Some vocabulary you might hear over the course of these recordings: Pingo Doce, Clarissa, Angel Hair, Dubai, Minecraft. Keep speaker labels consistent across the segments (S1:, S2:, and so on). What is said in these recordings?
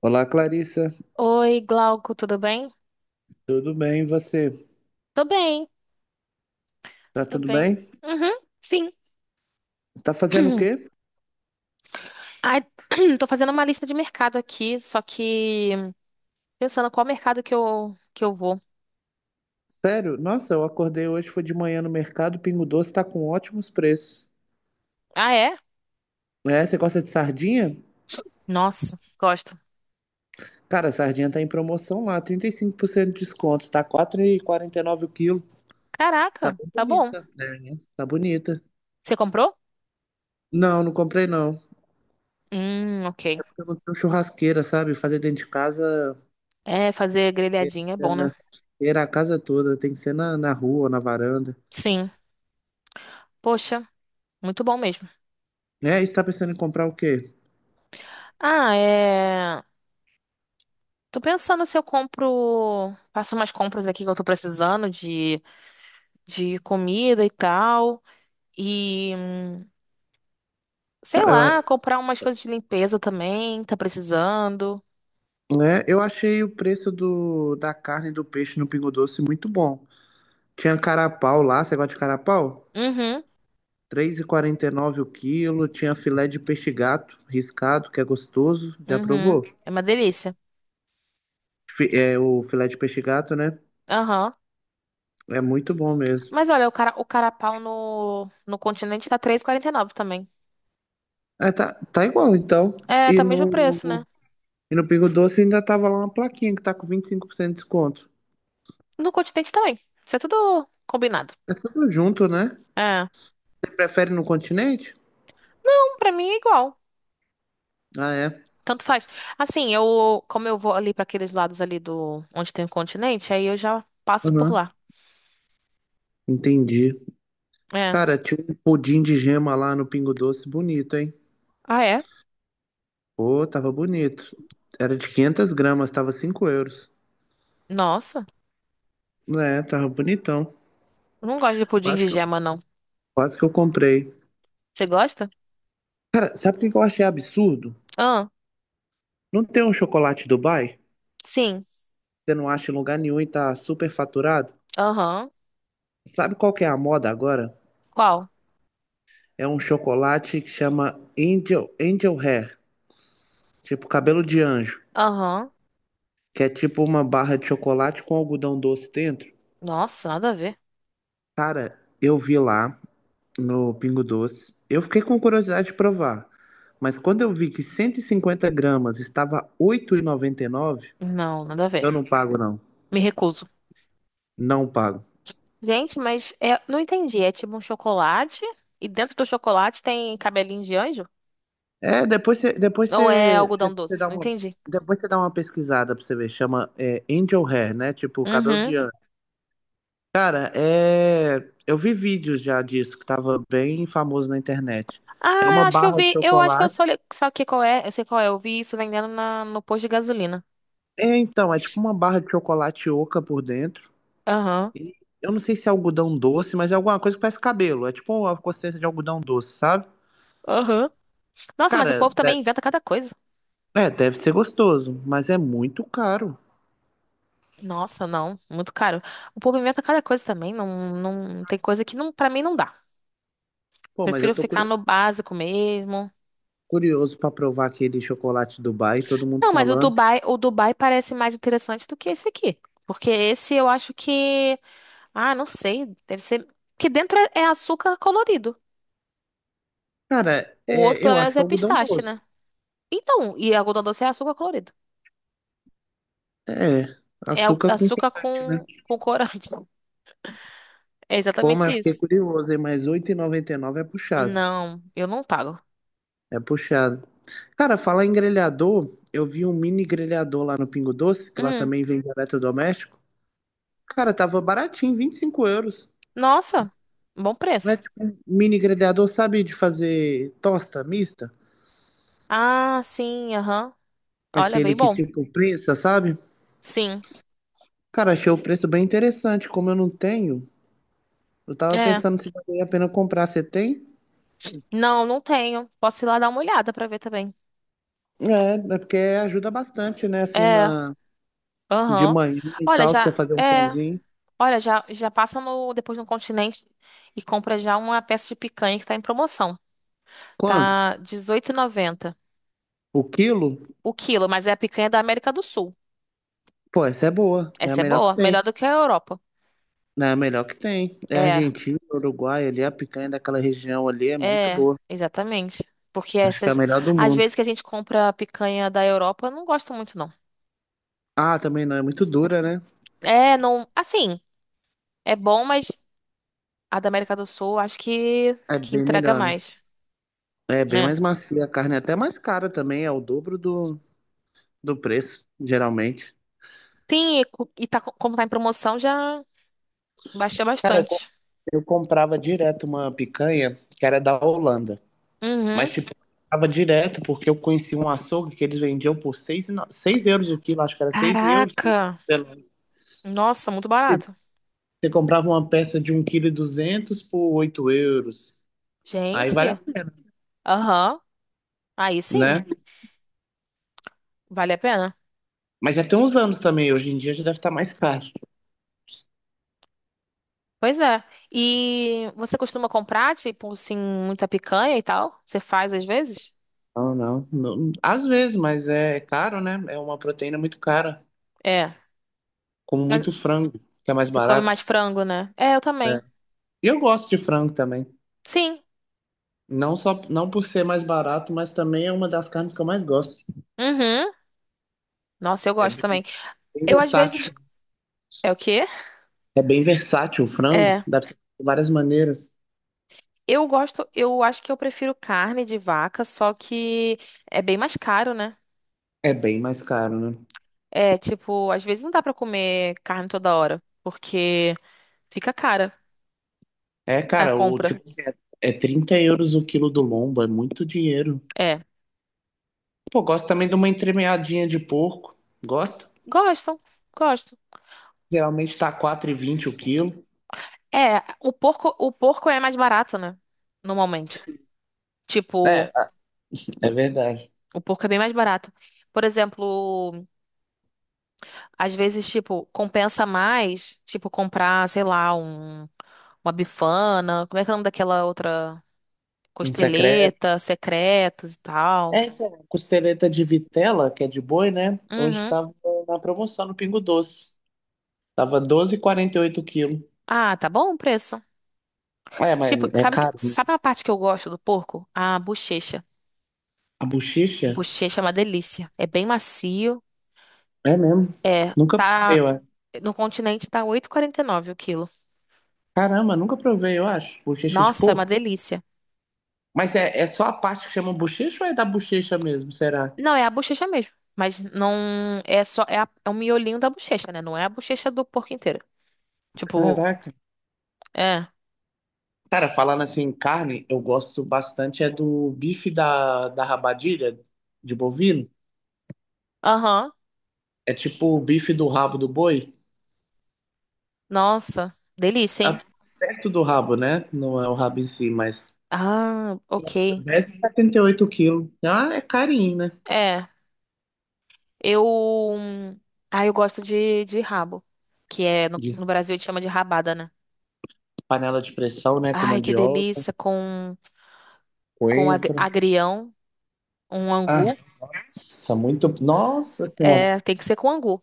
S1: Olá, Clarissa.
S2: Oi, Glauco, tudo bem?
S1: Tudo bem? E você?
S2: Tô bem,
S1: Tá
S2: tô
S1: tudo
S2: bem.
S1: bem?
S2: Uhum, sim.
S1: Tá fazendo o quê?
S2: Ai, tô fazendo uma lista de mercado aqui, só que pensando qual mercado que eu vou.
S1: Sério? Nossa, eu acordei hoje, foi de manhã no mercado, o Pingo Doce tá com ótimos preços.
S2: Ah, é?
S1: É, você gosta de sardinha?
S2: Nossa, gosto.
S1: Cara, a sardinha tá em promoção lá, 35% de desconto, tá 4,49 o quilo. Tá
S2: Caraca,
S1: bem
S2: tá bom.
S1: bonita, né? Tá bonita.
S2: Você comprou?
S1: Não, não comprei não.
S2: Ok.
S1: Eu não tenho churrasqueira, sabe? Fazer dentro de casa,
S2: É, fazer grelhadinha é bom, né?
S1: era a casa toda, tem que ser na rua, na varanda.
S2: Sim. Poxa, muito bom mesmo.
S1: É, e você tá pensando em comprar o quê?
S2: Ah, é. Tô pensando se eu compro. Faço umas compras aqui que eu tô precisando de comida e tal. E, sei
S1: Cara,
S2: lá, comprar umas coisas de limpeza também, tá precisando.
S1: né? Eu achei o preço da carne e do peixe no Pingo Doce muito bom. Tinha carapau lá, você gosta de carapau?
S2: Uhum,
S1: Três e quarenta e nove o quilo. Tinha filé de peixe gato riscado, que é gostoso. Já
S2: uhum.
S1: provou?
S2: É uma delícia.
S1: É, o filé de peixe gato, né?
S2: Aham.
S1: É muito bom mesmo.
S2: Mas olha, o carapau no continente tá 3,49 também.
S1: É, tá, tá igual, então.
S2: É,
S1: E
S2: tá o mesmo
S1: no,
S2: preço, né?
S1: e no Pingo Doce ainda tava lá uma plaquinha que tá com 25% de desconto.
S2: No continente também. Isso é tudo combinado.
S1: É tudo junto, né?
S2: É.
S1: Prefere no continente?
S2: Não, pra mim é igual.
S1: Ah, é.
S2: Tanto faz. Assim, eu, como eu vou ali pra aqueles lados ali do, onde tem o continente, aí eu já passo por
S1: Uhum.
S2: lá.
S1: Entendi.
S2: É.
S1: Cara, tinha um pudim de gema lá no Pingo Doce, bonito, hein?
S2: Ah, é?
S1: Pô, tava bonito. Era de 500 gramas, tava 5 euros.
S2: Nossa,
S1: É, tava bonitão.
S2: eu não gosto de pudim
S1: Quase
S2: de
S1: que eu,
S2: gema, não.
S1: quase que eu comprei.
S2: Você gosta?
S1: Cara, sabe o que que eu achei absurdo?
S2: Ah,
S1: Não tem um chocolate Dubai?
S2: sim.
S1: Você não acha em lugar nenhum e tá super faturado?
S2: Aham.
S1: Sabe qual que é a moda agora?
S2: Qual?
S1: É um chocolate que chama Angel, Angel Hair, tipo cabelo de anjo,
S2: Aham.
S1: que é tipo uma barra de chocolate com algodão doce dentro.
S2: Nossa, nada a ver.
S1: Cara, eu vi lá no Pingo Doce. Eu fiquei com curiosidade de provar, mas quando eu vi que 150 gramas estava 8,99,
S2: Não, nada a ver.
S1: eu não pago não,
S2: Me recuso.
S1: não pago.
S2: Gente, mas é, não entendi. É tipo um chocolate e dentro do chocolate tem cabelinho de anjo?
S1: É,
S2: Ou é algodão doce? Não entendi.
S1: depois você dá uma pesquisada pra você ver, chama é, Angel Hair, né? Tipo cabelo
S2: Uhum.
S1: de anjo. Cara, é, eu vi vídeos já disso que tava bem famoso na internet. É
S2: Ah,
S1: uma
S2: eu acho que eu
S1: barra de
S2: vi. Eu acho que eu
S1: chocolate.
S2: só li. Sabe que qual é? Eu sei qual é. Eu vi isso vendendo no posto de gasolina.
S1: É, então, é tipo uma barra de chocolate oca por dentro.
S2: Aham.
S1: E Eu não sei se é algodão doce, mas é alguma coisa que parece cabelo. É tipo a consistência de algodão doce, sabe?
S2: Aham. Nossa, mas o
S1: Cara,
S2: povo também inventa cada coisa.
S1: é, deve ser gostoso, mas é muito caro.
S2: Nossa, não. Muito caro. O povo inventa cada coisa também. Não, não tem coisa que não, para mim não dá.
S1: Pô, mas eu
S2: Prefiro
S1: tô
S2: ficar no básico mesmo.
S1: curioso pra provar aquele chocolate Dubai, todo mundo
S2: Não, mas o
S1: falando.
S2: Dubai, o Dubai parece mais interessante do que esse aqui. Porque esse eu acho que. Ah, não sei. Deve ser. Que dentro é açúcar colorido.
S1: Cara,
S2: O outro,
S1: é,
S2: pelo
S1: eu acho
S2: menos,
S1: que é
S2: é
S1: algodão
S2: pistache, né?
S1: doce.
S2: Então, e algodão doce é açúcar colorido.
S1: É,
S2: É
S1: açúcar com
S2: açúcar
S1: corante, né?
S2: com corante. É
S1: Pô,
S2: exatamente
S1: mas fiquei
S2: isso.
S1: curioso, hein? Mas 8,99 é puxado.
S2: Não, eu não pago.
S1: É puxado. Cara, falar em grelhador, eu vi um mini grelhador lá no Pingo Doce, que lá
S2: Hum,
S1: também vende eletrodoméstico. Cara, tava baratinho, 25 euros.
S2: nossa, bom
S1: Não é
S2: preço.
S1: tipo um mini grelhador, sabe, de fazer tosta mista?
S2: Ah, sim, aham. Olha,
S1: Aquele
S2: bem
S1: que
S2: bom.
S1: tipo prensa, sabe?
S2: Sim,
S1: Cara, achei o preço bem interessante. Como eu não tenho, eu tava
S2: é.
S1: pensando se valia a pena comprar. Você tem?
S2: Não, não tenho. Posso ir lá dar uma olhada pra ver também.
S1: É, é porque ajuda bastante, né? Assim,
S2: É.
S1: na... de
S2: Aham.
S1: manhã e
S2: Olha,
S1: tal, você quer fazer um pãozinho.
S2: já já passa no depois no Continente e compra já uma peça de picanha que tá em promoção.
S1: Quantos?
S2: Tá dezoito e noventa
S1: O quilo?
S2: o quilo, mas é a picanha da América do Sul.
S1: Pô, essa é boa. É a
S2: Essa é
S1: melhor que
S2: boa,
S1: tem.
S2: melhor do que a Europa.
S1: É a melhor que tem. É
S2: É,
S1: Argentina, Uruguai, ali, a picanha daquela região ali é muito
S2: é,
S1: boa.
S2: exatamente. Porque
S1: Acho que é a
S2: essas
S1: melhor do
S2: às
S1: mundo.
S2: vezes que a gente compra a picanha da Europa, eu não gosto muito não.
S1: Ah, também não é muito dura, né?
S2: É, não, assim, é bom, mas a da América do Sul acho que
S1: É
S2: que
S1: bem
S2: entrega
S1: melhor, né?
S2: mais,
S1: É bem
S2: né?
S1: mais macia a carne, é até mais cara também, é o dobro do preço, geralmente.
S2: Sim, e como tá em promoção, já. Baixei
S1: Cara,
S2: bastante.
S1: eu comprava direto uma picanha que era da Holanda,
S2: Uhum.
S1: mas tipo, eu comprava direto porque eu conheci um açougue que eles vendiam por seis euros o quilo, acho que era 6 euros.
S2: Caraca.
S1: Sei lá.
S2: Nossa, muito barato.
S1: Você comprava uma peça de um 1,2 kg por 8 euros, aí vale a
S2: Gente.
S1: pena,
S2: Aham. Aí sim,
S1: né?
S2: vale a pena.
S1: Mas já tem uns anos também, hoje em dia já deve estar mais caro.
S2: Pois é. E você costuma comprar, tipo, assim, muita picanha e tal? Você faz às vezes?
S1: Não, não, não. Às vezes, mas é caro, né? É uma proteína muito cara,
S2: É.
S1: como
S2: Mas
S1: muito frango, que é mais
S2: você come mais
S1: barato.
S2: frango, né? É, eu
S1: É.
S2: também.
S1: E eu gosto de frango também.
S2: Sim.
S1: Não só, não por ser mais barato, mas também é uma das carnes que eu mais gosto.
S2: Uhum. Nossa, eu
S1: É
S2: gosto
S1: bem
S2: também.
S1: bem
S2: Eu às vezes.
S1: versátil.
S2: É o quê?
S1: É bem versátil o frango,
S2: É.
S1: dá pra ser de várias maneiras.
S2: Eu gosto, eu acho que eu prefiro carne de vaca, só que é bem mais caro, né?
S1: É bem mais caro, né?
S2: É, tipo, às vezes não dá pra comer carne toda hora, porque fica cara
S1: É,
S2: a
S1: cara, o
S2: compra.
S1: tipo é 30 € o quilo do lombo, é muito dinheiro.
S2: É,
S1: Pô, gosto também de uma entremeadinha de porco. Gosto.
S2: gostam, gostam.
S1: Geralmente tá 4,20 o quilo.
S2: É, o porco é mais barato, né? Normalmente. Tipo,
S1: É, é, verdade.
S2: o porco é bem mais barato. Por exemplo, às vezes, tipo, compensa mais, tipo, comprar, sei lá, uma bifana, como é que é o nome daquela outra?
S1: Um secreto.
S2: Costeleta, secretos e tal.
S1: Essa costeleta de vitela, que é de boi, né? Hoje
S2: Uhum.
S1: tava na promoção no Pingo Doce. Tava 12,48 quilo.
S2: Ah, tá bom o preço.
S1: É, mas
S2: Tipo,
S1: é
S2: sabe,
S1: caro.
S2: sabe a parte que eu gosto do porco? A bochecha.
S1: A bochecha?
S2: Bochecha é uma delícia. É bem macio.
S1: É mesmo.
S2: É,
S1: Nunca provei,
S2: tá.
S1: eu acho.
S2: No continente tá 8,49 o quilo.
S1: Caramba, nunca provei, eu acho. Bochecha de
S2: Nossa, é uma
S1: porco.
S2: delícia.
S1: Mas é, é só a parte que chama bochecha ou é da bochecha mesmo, será?
S2: Não, é a bochecha mesmo. Mas não. É só. É, é o miolinho da bochecha, né? Não é a bochecha do porco inteiro. Tipo,
S1: Caraca.
S2: é.
S1: Cara, falando assim em carne, eu gosto bastante é do bife da rabadilha de bovino.
S2: Aham.
S1: É tipo o bife do rabo do boi.
S2: Nossa. Delícia,
S1: a-
S2: hein?
S1: Perto do rabo, né? Não é o rabo em si, mas
S2: Ah, ok.
S1: deve 78 quilos. Ah, é carinho, né?
S2: É. Eu. Ah, eu gosto de rabo. Que é. No,
S1: De
S2: no Brasil a gente chama de rabada, né?
S1: panela de pressão, né? Com
S2: Ai, que
S1: mandioca,
S2: delícia com
S1: coentro.
S2: agrião, um
S1: Ah,
S2: angu.
S1: nossa, muito. Nossa, cara.
S2: É, tem que ser com angu.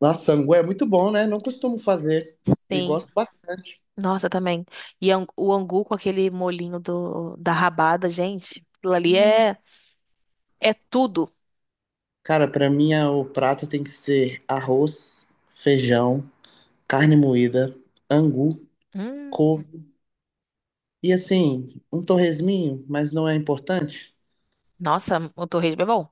S1: Nossa, sangue é muito bom, né? Não costumo fazer e
S2: Sim.
S1: gosto bastante.
S2: Nossa, também. E o angu com aquele molhinho da rabada, gente. Aquilo ali
S1: Hum.
S2: é tudo.
S1: Cara, pra mim o prato tem que ser arroz, feijão, carne moída, angu,
S2: Hum,
S1: couve e assim, um torresminho, mas não é importante.
S2: nossa, o torresmo é bom.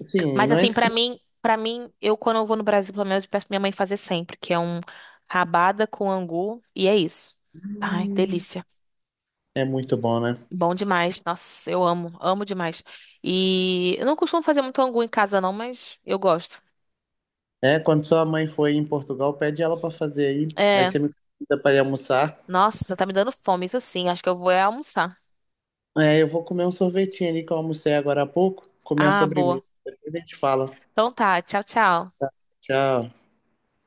S1: Assim,
S2: Mas
S1: não
S2: assim, para mim, eu quando eu vou no Brasil, pelo menos eu peço pra minha mãe fazer sempre, que é um rabada com angu e é isso. Ai,
S1: é.
S2: delícia.
S1: É muito bom, né?
S2: Bom demais. Nossa, eu amo, amo demais. E eu não costumo fazer muito angu em casa, não, mas eu gosto.
S1: É, quando sua mãe for aí em Portugal, pede ela pra fazer aí. Aí
S2: É,
S1: você me convida pra ir almoçar.
S2: nossa, tá me dando fome, isso sim. Acho que eu vou é almoçar.
S1: É, eu vou comer um sorvetinho ali que eu almocei agora há pouco, comer a
S2: Ah, boa.
S1: sobremesa. Depois a gente fala.
S2: Então tá, tchau, tchau.
S1: Tchau.